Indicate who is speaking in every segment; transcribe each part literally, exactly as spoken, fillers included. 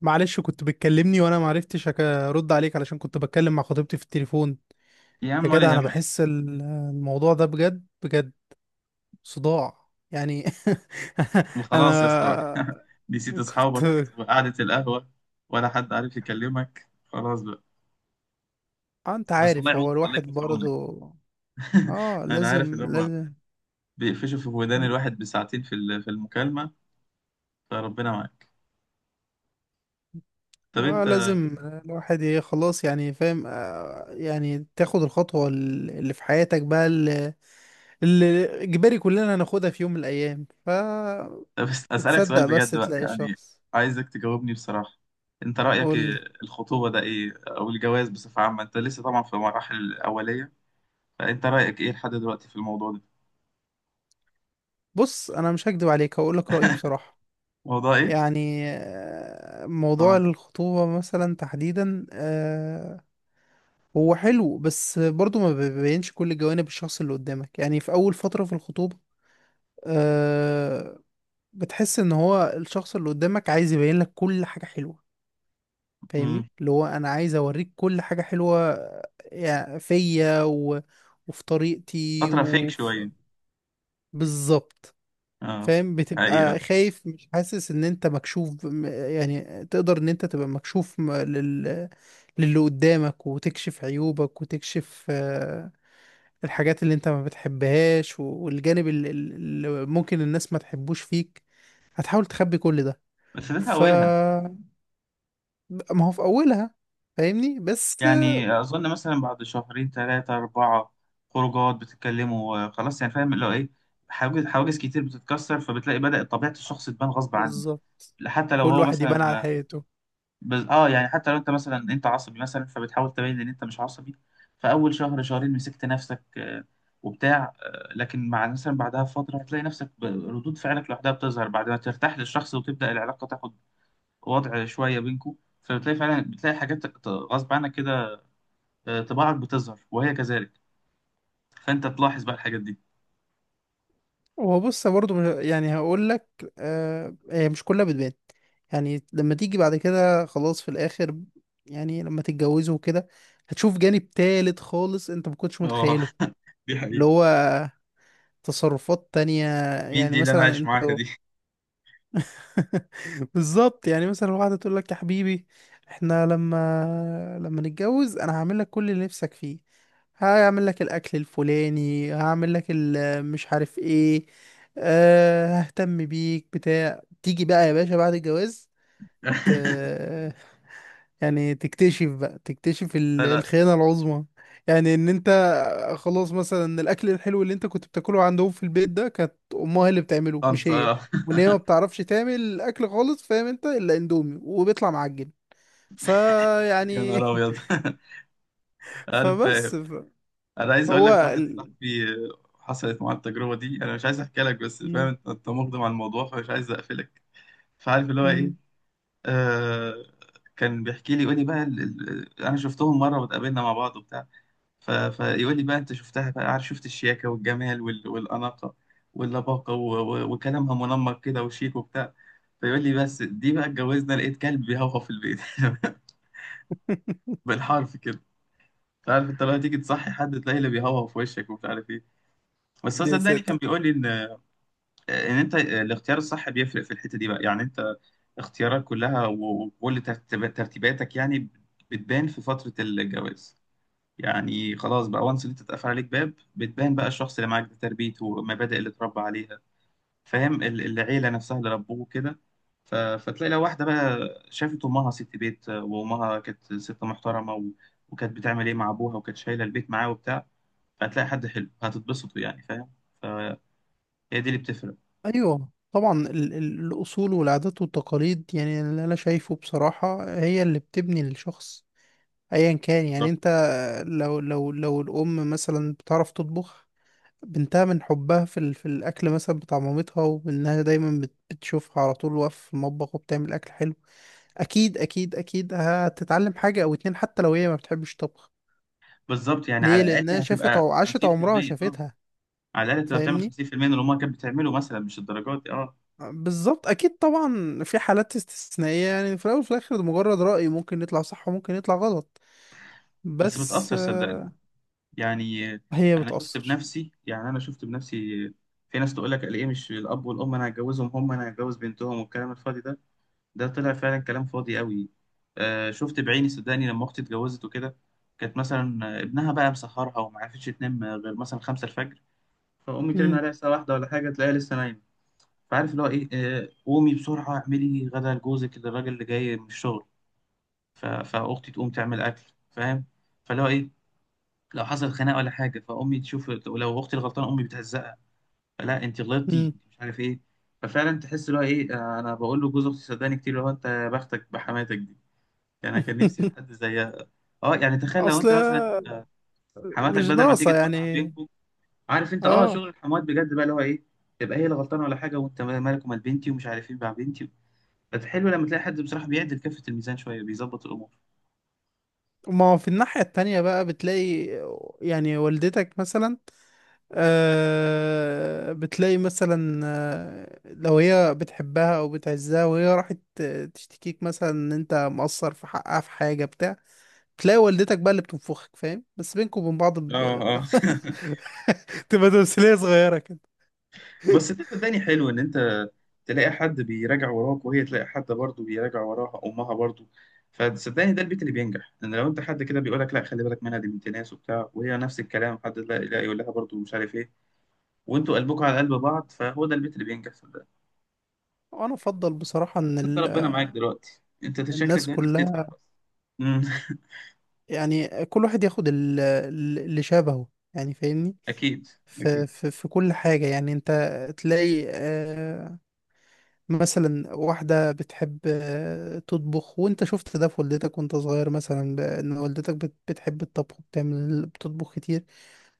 Speaker 1: معلش، كنت بتكلمني وانا معرفتش أك- ارد عليك علشان كنت بتكلم مع خطيبتي في التليفون.
Speaker 2: يا
Speaker 1: يا
Speaker 2: عم ولا
Speaker 1: جدع، انا
Speaker 2: يهمك.
Speaker 1: بحس ال- الموضوع ده بجد بجد، صداع يعني.
Speaker 2: وخلاص يا اسطى
Speaker 1: انا
Speaker 2: نسيت اصحابك
Speaker 1: كنت.
Speaker 2: وقعدة القهوة، ولا حد عارف يكلمك خلاص بقى؟
Speaker 1: آه، انت
Speaker 2: بس الله
Speaker 1: عارف
Speaker 2: يعونك،
Speaker 1: هو
Speaker 2: الله
Speaker 1: الواحد
Speaker 2: يكون في عونك.
Speaker 1: برضه اه
Speaker 2: انا عارف
Speaker 1: لازم
Speaker 2: ان هم
Speaker 1: لازم.
Speaker 2: بيقفشوا في ودان الواحد بساعتين في ال- في المكالمة فربنا معاك. طب
Speaker 1: اه
Speaker 2: انت،
Speaker 1: لازم. الواحد ايه خلاص يعني فاهم، آه، يعني تاخد الخطوة ال- اللي في حياتك بقى، اللي إجباري كلنا هناخدها في يوم من الأيام. ف
Speaker 2: بس اسالك سؤال
Speaker 1: بتصدق بس
Speaker 2: بجد بقى
Speaker 1: تلاقي
Speaker 2: يعني،
Speaker 1: شخص.
Speaker 2: عايزك تجاوبني بصراحة. انت رأيك
Speaker 1: قول
Speaker 2: إيه؟
Speaker 1: لي.
Speaker 2: الخطوبة ده ايه او الجواز بصفة عامة، انت لسه طبعا في المراحل الأولية، فانت رأيك ايه لحد دلوقتي في الموضوع ده؟
Speaker 1: بص، أنا مش هكدب عليك، هقول لك رأيي بصراحة.
Speaker 2: موضوع ايه؟
Speaker 1: يعني آه، موضوع
Speaker 2: اه.
Speaker 1: الخطوبة مثلا تحديدا، آه، هو حلو بس برضو ما بيبينش كل جوانب الشخص اللي قدامك، يعني في أول فترة في الخطوبة. آه، بتحس إن هو الشخص اللي قدامك عايز يبين لك كل حاجة حلوة. فاهمني،
Speaker 2: امم.
Speaker 1: اللي هو انا عايز اوريك كل حاجة حلوة يعني فيا و... وفي طريقتي
Speaker 2: فترة فيك
Speaker 1: وفي
Speaker 2: شوية.
Speaker 1: بالظبط.
Speaker 2: اه.
Speaker 1: فاهم، بتبقى
Speaker 2: حقيقة.
Speaker 1: خايف، مش حاسس ان انت مكشوف م- يعني تقدر ان انت تبقى مكشوف م- لل... للي قدامك، وتكشف عيوبك، وتكشف آه، الحاجات اللي انت ما بتحبهاش و- والجانب اللي, اللي ممكن الناس ما تحبوش فيك، هتحاول تخبي كل ده.
Speaker 2: بس ده في
Speaker 1: ف
Speaker 2: أولها.
Speaker 1: ما هو في اولها. فاهمني بس.
Speaker 2: يعني أظن مثلا بعد شهرين ثلاثة أربعة خروجات بتتكلموا، آه، خلاص يعني فاهم اللي هو إيه، حواجز حواجز كتير بتتكسر، فبتلاقي بدأت طبيعة الشخص تبان غصب عنه.
Speaker 1: بالظبط،
Speaker 2: حتى لو
Speaker 1: كل
Speaker 2: هو
Speaker 1: واحد يبان
Speaker 2: مثلا،
Speaker 1: على
Speaker 2: آه،
Speaker 1: حقيقته.
Speaker 2: بز... آه يعني حتى لو أنت مثلا أنت عصبي مثلا، فبتحاول تبين إن أنت مش عصبي. فأول شهر شهرين مسكت نفسك، آه، وبتاع، آه، لكن مع مثلا بعدها بفترة هتلاقي نفسك ب- ردود فعلك لوحدها بتظهر بعد ما ترتاح للشخص وتبدأ العلاقة تاخد وضع شويه بينكم. فبتلاقي فعلا بتلاقي حاجات ت- غصب عنك كده. آه، طباعك بتظهر وهي كذلك، فانت تلاحظ بقى الحاجات دي.
Speaker 1: هو بص برضه مش- يعني هقول لك، آه هي مش كلها بتبان. يعني لما تيجي بعد كده خلاص في الاخر، يعني لما تتجوزوا وكده هتشوف جانب تالت خالص انت ما كنتش
Speaker 2: اه.
Speaker 1: متخيله،
Speaker 2: دي
Speaker 1: اللي
Speaker 2: حقيقة.
Speaker 1: هو تصرفات تانية.
Speaker 2: مين
Speaker 1: يعني
Speaker 2: دي اللي انا
Speaker 1: مثلا
Speaker 2: عايش
Speaker 1: انت.
Speaker 2: معاها دي؟
Speaker 1: بالظبط. يعني مثلا واحدة تقول لك يا حبيبي، احنا لما لما نتجوز انا هعمل لك كل اللي نفسك فيه، هعمل لك الاكل الفلاني، هعمل لك ال- مش عارف ايه. أه، ههتم بيك بتاع. تيجي بقى يا باشا بعد الجواز. آه، يعني تكتشف بقى، تكتشف ال-
Speaker 2: لا لا،
Speaker 1: الخيانة العظمى. يعني ان انت خلاص، مثلا الاكل الحلو اللي انت كنت بتاكله عندهم في البيت ده كانت امها هي اللي بتعمله، مش
Speaker 2: انت
Speaker 1: هي.
Speaker 2: آه.
Speaker 1: وان هي ما بتعرفش تعمل اكل خالص، فاهم انت؟ الا اندومي وبيطلع معجن.
Speaker 2: يا
Speaker 1: فيعني
Speaker 2: نهار ابيض. انا فاهم.
Speaker 1: فبس ف-
Speaker 2: انا عايز اقول
Speaker 1: هو
Speaker 2: لك واحد
Speaker 1: ال...
Speaker 2: صاحبي، آه، حصلت معاه التجربه دي، انا مش عايز احكي لك بس فاهم
Speaker 1: مم.
Speaker 2: انت أنت مقدم على الموضوع فمش عايز اقفلك. فعارف اللي هو ايه.
Speaker 1: مم.
Speaker 2: آه كان بيحكي لي يقول لي بقى ال- ال- انا شفتهم مره واتقابلنا مع بعض وبتاع. ف... فيقول لي بقى انت شفتها بقى، عارف، شفت الشياكه والجمال وال... والاناقه واللباقه و... و... وكلامها منمق كده وشيك وبتاع. فيقول لي بس دي بقى اتجوزنا لقيت كلب بيهوهو في البيت. بالحرف كده. انت عارف، انت لو تيجي تصحي حد تلاقيه اللي بيهوهو في وشك ومش عارف ايه. بس هو
Speaker 1: يا
Speaker 2: صدقني
Speaker 1: ساتر.
Speaker 2: كان بيقول لي ان ان انت الاختيار الصح بيفرق في الحته دي بقى، يعني انت اختيارات كلها و- وكل ترتيب- ترتيباتك يعني بتبان في فتره الجواز. يعني خلاص بقى وانس انت اتقفل عليك باب، بتبان بقى الشخص اللي معاك ده، تربيته والمبادئ اللي اتربى عليها، فاهم، ال- العيله نفسها اللي ربوه كده. ف... فتلاقي لو واحده بقى شافت امها ست بيت، وامها كانت ست محترمه، و... وكانت بتعمل ايه مع ابوها وكانت شايله البيت معاه وبتاع، فهتلاقي حد حلو هتتبسطوا يعني فاهم. فهي دي اللي بتفرق.
Speaker 1: ايوه طبعا ال- ال- الاصول والعادات والتقاليد، يعني اللي انا شايفه بصراحة هي اللي بتبني الشخص. ايا كان، يعني
Speaker 2: بالظبط،
Speaker 1: انت، لو لو لو الام مثلا بتعرف تطبخ، بنتها من حبها في ال- في الاكل مثلا بتاع مامتها، وانها دايما بت- بتشوفها على طول واقفه في المطبخ وبتعمل اكل حلو، اكيد اكيد اكيد هتتعلم حاجه او اتنين، حتى لو هي ما بتحبش طبخ.
Speaker 2: بالظبط، يعني على
Speaker 1: ليه؟
Speaker 2: الاقل
Speaker 1: لانها شافت
Speaker 2: هتبقى
Speaker 1: عو- عاشت عمرها
Speaker 2: خمسين في المية. اه.
Speaker 1: شافتها.
Speaker 2: على الاقل تبقى بتعمل
Speaker 1: فاهمني؟
Speaker 2: خمسين في المية من اللي امها كانت بتعمله مثلا، مش الدرجات دي. اه.
Speaker 1: بالظبط، اكيد طبعا في حالات استثنائيه، يعني في الاول وفي الاخر ده مجرد راي، ممكن يطلع صح وممكن يطلع غلط.
Speaker 2: بس
Speaker 1: بس
Speaker 2: بتاثر صدقني.
Speaker 1: آه،
Speaker 2: يعني
Speaker 1: هي
Speaker 2: انا شفت
Speaker 1: بتاثر.
Speaker 2: بنفسي، يعني انا شفت بنفسي. في ناس تقول لك ايه، مش الاب والام انا هتجوزهم، هم انا هتجوز بنتهم، والكلام الفاضي ده، ده طلع فعلا كلام فاضي قوي. آه، شفت بعيني صدقني لما اختي اتجوزت وكده، كانت مثلا ابنها بقى مسهرها وما عرفتش تنام غير مثلا خمسة الفجر، فامي ترن
Speaker 1: امم.
Speaker 2: عليها الساعه واحدة ولا حاجه تلاقيها لسه نايمه. فعارف اللي هو ايه، آه قومي بسرعه اعملي غدا لجوزك الراجل اللي جاي من الشغل. ف- فاختي تقوم تعمل اكل، فاهم. فاللي هو ايه، لو حصل خناقه ولا حاجه فامي تشوف، ولو اختي الغلطانه امي بتهزقها، لا انت غلطتي مش عارف ايه. ففعلا تحس اللي هو ايه. آه، انا بقول له جوز اختي صدقني كتير اللي هو انت يا بختك بحماتك دي. يعني انا كان نفسي في حد زيها. اه يعني تخيل لو
Speaker 1: اصل
Speaker 2: انت مثلا حماتك
Speaker 1: مش
Speaker 2: بدل ما تيجي
Speaker 1: ناقصة
Speaker 2: توقع
Speaker 1: يعني.
Speaker 2: بينكم. عارف انت، اه
Speaker 1: اه،
Speaker 2: شغل الحموات بجد بقى اللي هو ايه، تبقى هي اللي غلطانه ولا حاجه وانت مالك ومال بنتي ومش عارف ايه مع بنتي. حلو لما تلاقي حد بصراحه بيعدل كفه الميزان شويه بيظبط الامور.
Speaker 1: ما هو في الناحية التانية بقى بتلاقي، يعني والدتك مثلا آه بتلاقي مثلا، آه لو هي بتحبها او بتعزها، وهي راحت تشتكيك مثلا ان انت مقصر في حقها في حاجة بتاع، تلاقي والدتك بقى اللي بتنفخك، فاهم؟ بس بينكم وبين بعض
Speaker 2: اه،
Speaker 1: ب...
Speaker 2: اه.
Speaker 1: تبقى تمثيلية صغيرة كده.
Speaker 2: بس ده صدقني حلو ان انت تلاقي حد بيراجع وراك، وهي تلاقي حد برضه بيراجع وراها، امها برضه. فصدقني ده البيت اللي بينجح، ان لو انت حد كده بيقول لك لا خلي بالك منها دي بنت ناس وبتاع، وهي نفس الكلام حد لا لا يقول لها برضه مش عارف ايه، وانتوا قلبكم على قلب بعض، فهو ده البيت اللي بينجح صدقني.
Speaker 1: وانا افضل بصراحة ان
Speaker 2: انت
Speaker 1: ال...
Speaker 2: ربنا معاك دلوقتي، انت شكلك
Speaker 1: الناس
Speaker 2: دلوقتي
Speaker 1: كلها،
Speaker 2: بتدفع بس. أمم،
Speaker 1: يعني كل واحد ياخد ال- ال- اللي شبهه، يعني فاهمني،
Speaker 2: اكيد.
Speaker 1: في,
Speaker 2: اكيد.
Speaker 1: في, في كل حاجة. يعني انت تلاقي آه، مثلا واحدة بتحب آه، تطبخ، وانت شفت ده في والدتك وانت صغير مثلا، ب- ان والدتك بت- بتحب الطبخ، بتعمل، بتطبخ كتير.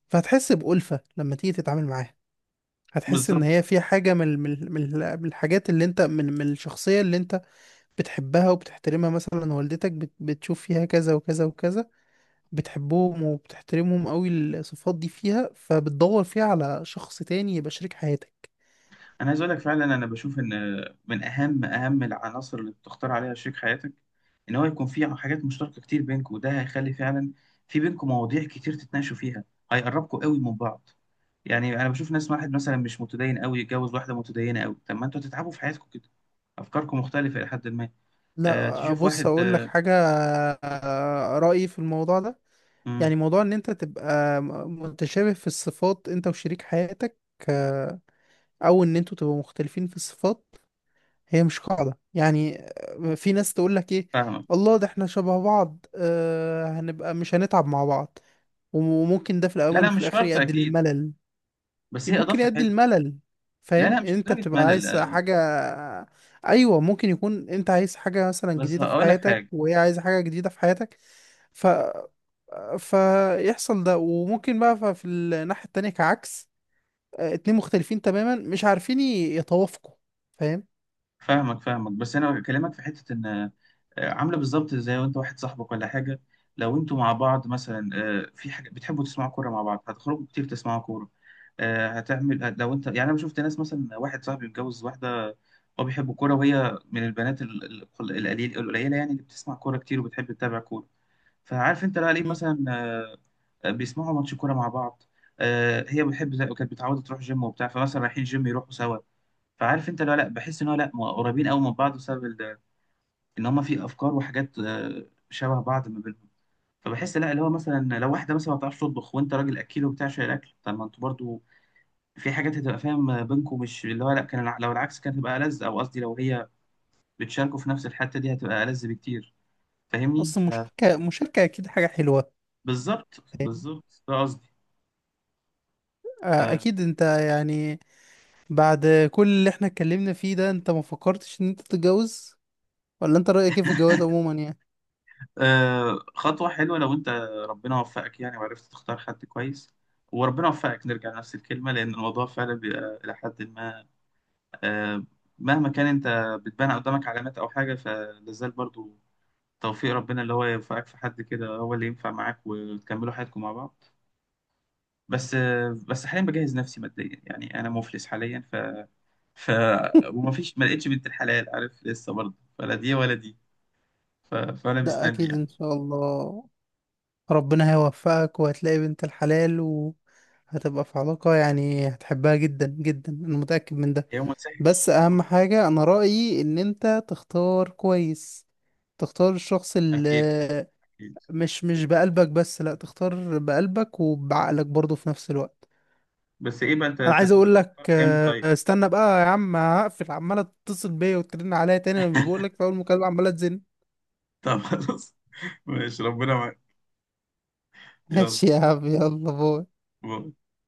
Speaker 1: فهتحس بألفة لما تيجي تتعامل معاها. هتحس ان
Speaker 2: بالظبط.
Speaker 1: هي في حاجة من من من من الحاجات اللي انت من من الشخصية اللي انت بتحبها وبتحترمها. مثلا والدتك بت- بتشوف فيها كذا وكذا وكذا، بتحبهم وبتحترمهم قوي الصفات دي فيها، فبتدور فيها على شخص تاني يبقى شريك حياتك.
Speaker 2: انا عايز اقول لك فعلا انا بشوف ان من اهم اهم العناصر اللي بتختار عليها شريك حياتك، ان هو يكون في حاجات مشتركه كتير بينكم، وده هيخلي فعلا في بينكم مواضيع كتير تتناقشوا فيها، هيقربكم قوي من بعض. يعني انا بشوف ناس، واحد مثلا مش متدين قوي يتجوز واحده متدينه قوي، طب ما انتوا هتتعبوا في حياتكم كده، افكاركم مختلفه الى حد ما. أه،
Speaker 1: لا،
Speaker 2: تشوف
Speaker 1: بص
Speaker 2: واحد،
Speaker 1: اقول لك
Speaker 2: أه.
Speaker 1: حاجة. آه، رأيي في الموضوع ده،
Speaker 2: مم،
Speaker 1: يعني موضوع ان انت تبقى م- متشابه في الصفات انت وشريك حياتك، آه، او ان انتوا تبقوا مختلفين في الصفات. هي مش قاعدة، يعني آه، في ناس تقول لك ايه،
Speaker 2: فاهمك.
Speaker 1: الله ده احنا شبه بعض، آه، هنبقى مش هنتعب مع بعض. وممكن ده في
Speaker 2: لا
Speaker 1: الاول
Speaker 2: لا
Speaker 1: وفي
Speaker 2: مش
Speaker 1: الاخر
Speaker 2: شرط
Speaker 1: يؤدي
Speaker 2: اكيد،
Speaker 1: للملل،
Speaker 2: بس هي
Speaker 1: ممكن
Speaker 2: اضافه
Speaker 1: يؤدي
Speaker 2: حلوه.
Speaker 1: الملل.
Speaker 2: لا لا
Speaker 1: فاهم؟
Speaker 2: مش
Speaker 1: انت
Speaker 2: لدرجه
Speaker 1: بتبقى
Speaker 2: ملل،
Speaker 1: عايز
Speaker 2: آه،
Speaker 1: حاجة. ايوه، ممكن يكون انت عايز حاجة مثلا
Speaker 2: بس
Speaker 1: جديدة في
Speaker 2: هقول لك
Speaker 1: حياتك،
Speaker 2: حاجه.
Speaker 1: وهي عايزة حاجة جديدة في حياتك. ف فيحصل ده، وممكن بقى ف- في الناحية التانية كعكس، آه، اتنين مختلفين تماما، مش عارفين ي- يتوافقوا، فاهم؟
Speaker 2: فاهمك فاهمك، بس انا بكلمك في حته ان، آه، عامله بالظبط زي وانت واحد صاحبك ولا حاجه، لو انتوا مع بعض مثلا، آه، في حاجه بتحبوا تسمعوا كوره مع بعض هتخرجوا كتير تسمعوا كوره، آه، هتعمل هت- لو انت، يعني انا شفت ناس مثلا واحد صاحبي متجوز واحده، هو بيحب الكوره وهي من البنات ال- ال- القليل القليله يعني اللي بتسمع كوره كتير وبتحب تتابع كوره. فعارف انت لا ليه
Speaker 1: مم.
Speaker 2: مثلا، آه، بيسمعوا ماتش كوره مع بعض. آه، هي بتحب كانت بتعود تروح جيم وبتاع، فمثلا رايحين جيم يروحوا سوا. فعارف انت لا لا بحس ان هو لا م- قريبين قوي من بعض بسبب ال- ان هما في افكار وحاجات آه، شبه بعض ما بينهم. فبحس لا اللي هو مثلا لو واحده مثلا ما بتعرفش تطبخ وانت راجل اكيل وبتاع شايل الاكل، طب ما انتوا برضو في حاجات هتبقى فاهم بينكم، مش اللي هو لا كان الع- لو العكس كانت هتبقى ألذ، او قصدي لو هي بتشاركوا في نفس الحته دي هتبقى ألذ بكتير. فاهمني
Speaker 1: اصل
Speaker 2: فبالظبط.
Speaker 1: مشاركة مشاركة اكيد حاجة حلوة.
Speaker 2: بالظبط
Speaker 1: فاهم؟
Speaker 2: بالظبط ده قصدي.
Speaker 1: آه، اكيد. انت يعني، بعد كل اللي احنا اتكلمنا فيه ده، انت ما فكرتش ان انت تتجوز؟ ولا انت رأيك ايه في الجواز عموما يعني؟
Speaker 2: آه، خطوة حلوة لو أنت ربنا وفقك يعني وعرفت تختار حد كويس، وربنا وفقك نرجع لنفس الكلمة، لأن الموضوع فعلا بيبقى إلى حد ما، آه، مهما كان أنت بتبان قدامك علامات أو حاجة، فلازال برضو توفيق ربنا اللي هو يوفقك في حد كده هو اللي ينفع معاك وتكملوا حياتكم مع بعض. بس آه، بس حاليا بجهز نفسي ماديا يعني أنا مفلس حاليا. ف ف وما فيش، ما لقيتش بنت الحلال عارف لسه برضه ولا دي ولا دي. ف... فأنا
Speaker 1: ده
Speaker 2: مستني
Speaker 1: اكيد
Speaker 2: يعني
Speaker 1: ان شاء الله، ربنا هيوفقك وهتلاقي بنت الحلال، وهتبقى في علاقة يعني هتحبها جدا جدا، انا متأكد من ده.
Speaker 2: يوم سهل.
Speaker 1: بس
Speaker 2: يوم
Speaker 1: اهم
Speaker 2: سهل.
Speaker 1: حاجة انا رأيي ان انت تختار كويس، تختار الشخص
Speaker 2: أكيد.
Speaker 1: اللي
Speaker 2: أكيد.
Speaker 1: مش مش بقلبك بس، لا، تختار بقلبك وبعقلك برضه في نفس الوقت.
Speaker 2: بس ايه بقى، انت
Speaker 1: انا عايز
Speaker 2: تحت
Speaker 1: اقول لك
Speaker 2: الفرح امتى
Speaker 1: آه،
Speaker 2: طيب؟
Speaker 1: استنى بقى يا عم، هقفل، عمالة تتصل بيا وترن عليا تاني، انا مش بقول لك في اول مكالمة عمالة تزن.
Speaker 2: طب خلاص، ماشي ربنا معاك. يلا
Speaker 1: ماشي يا عم، يلا باي.
Speaker 2: باي.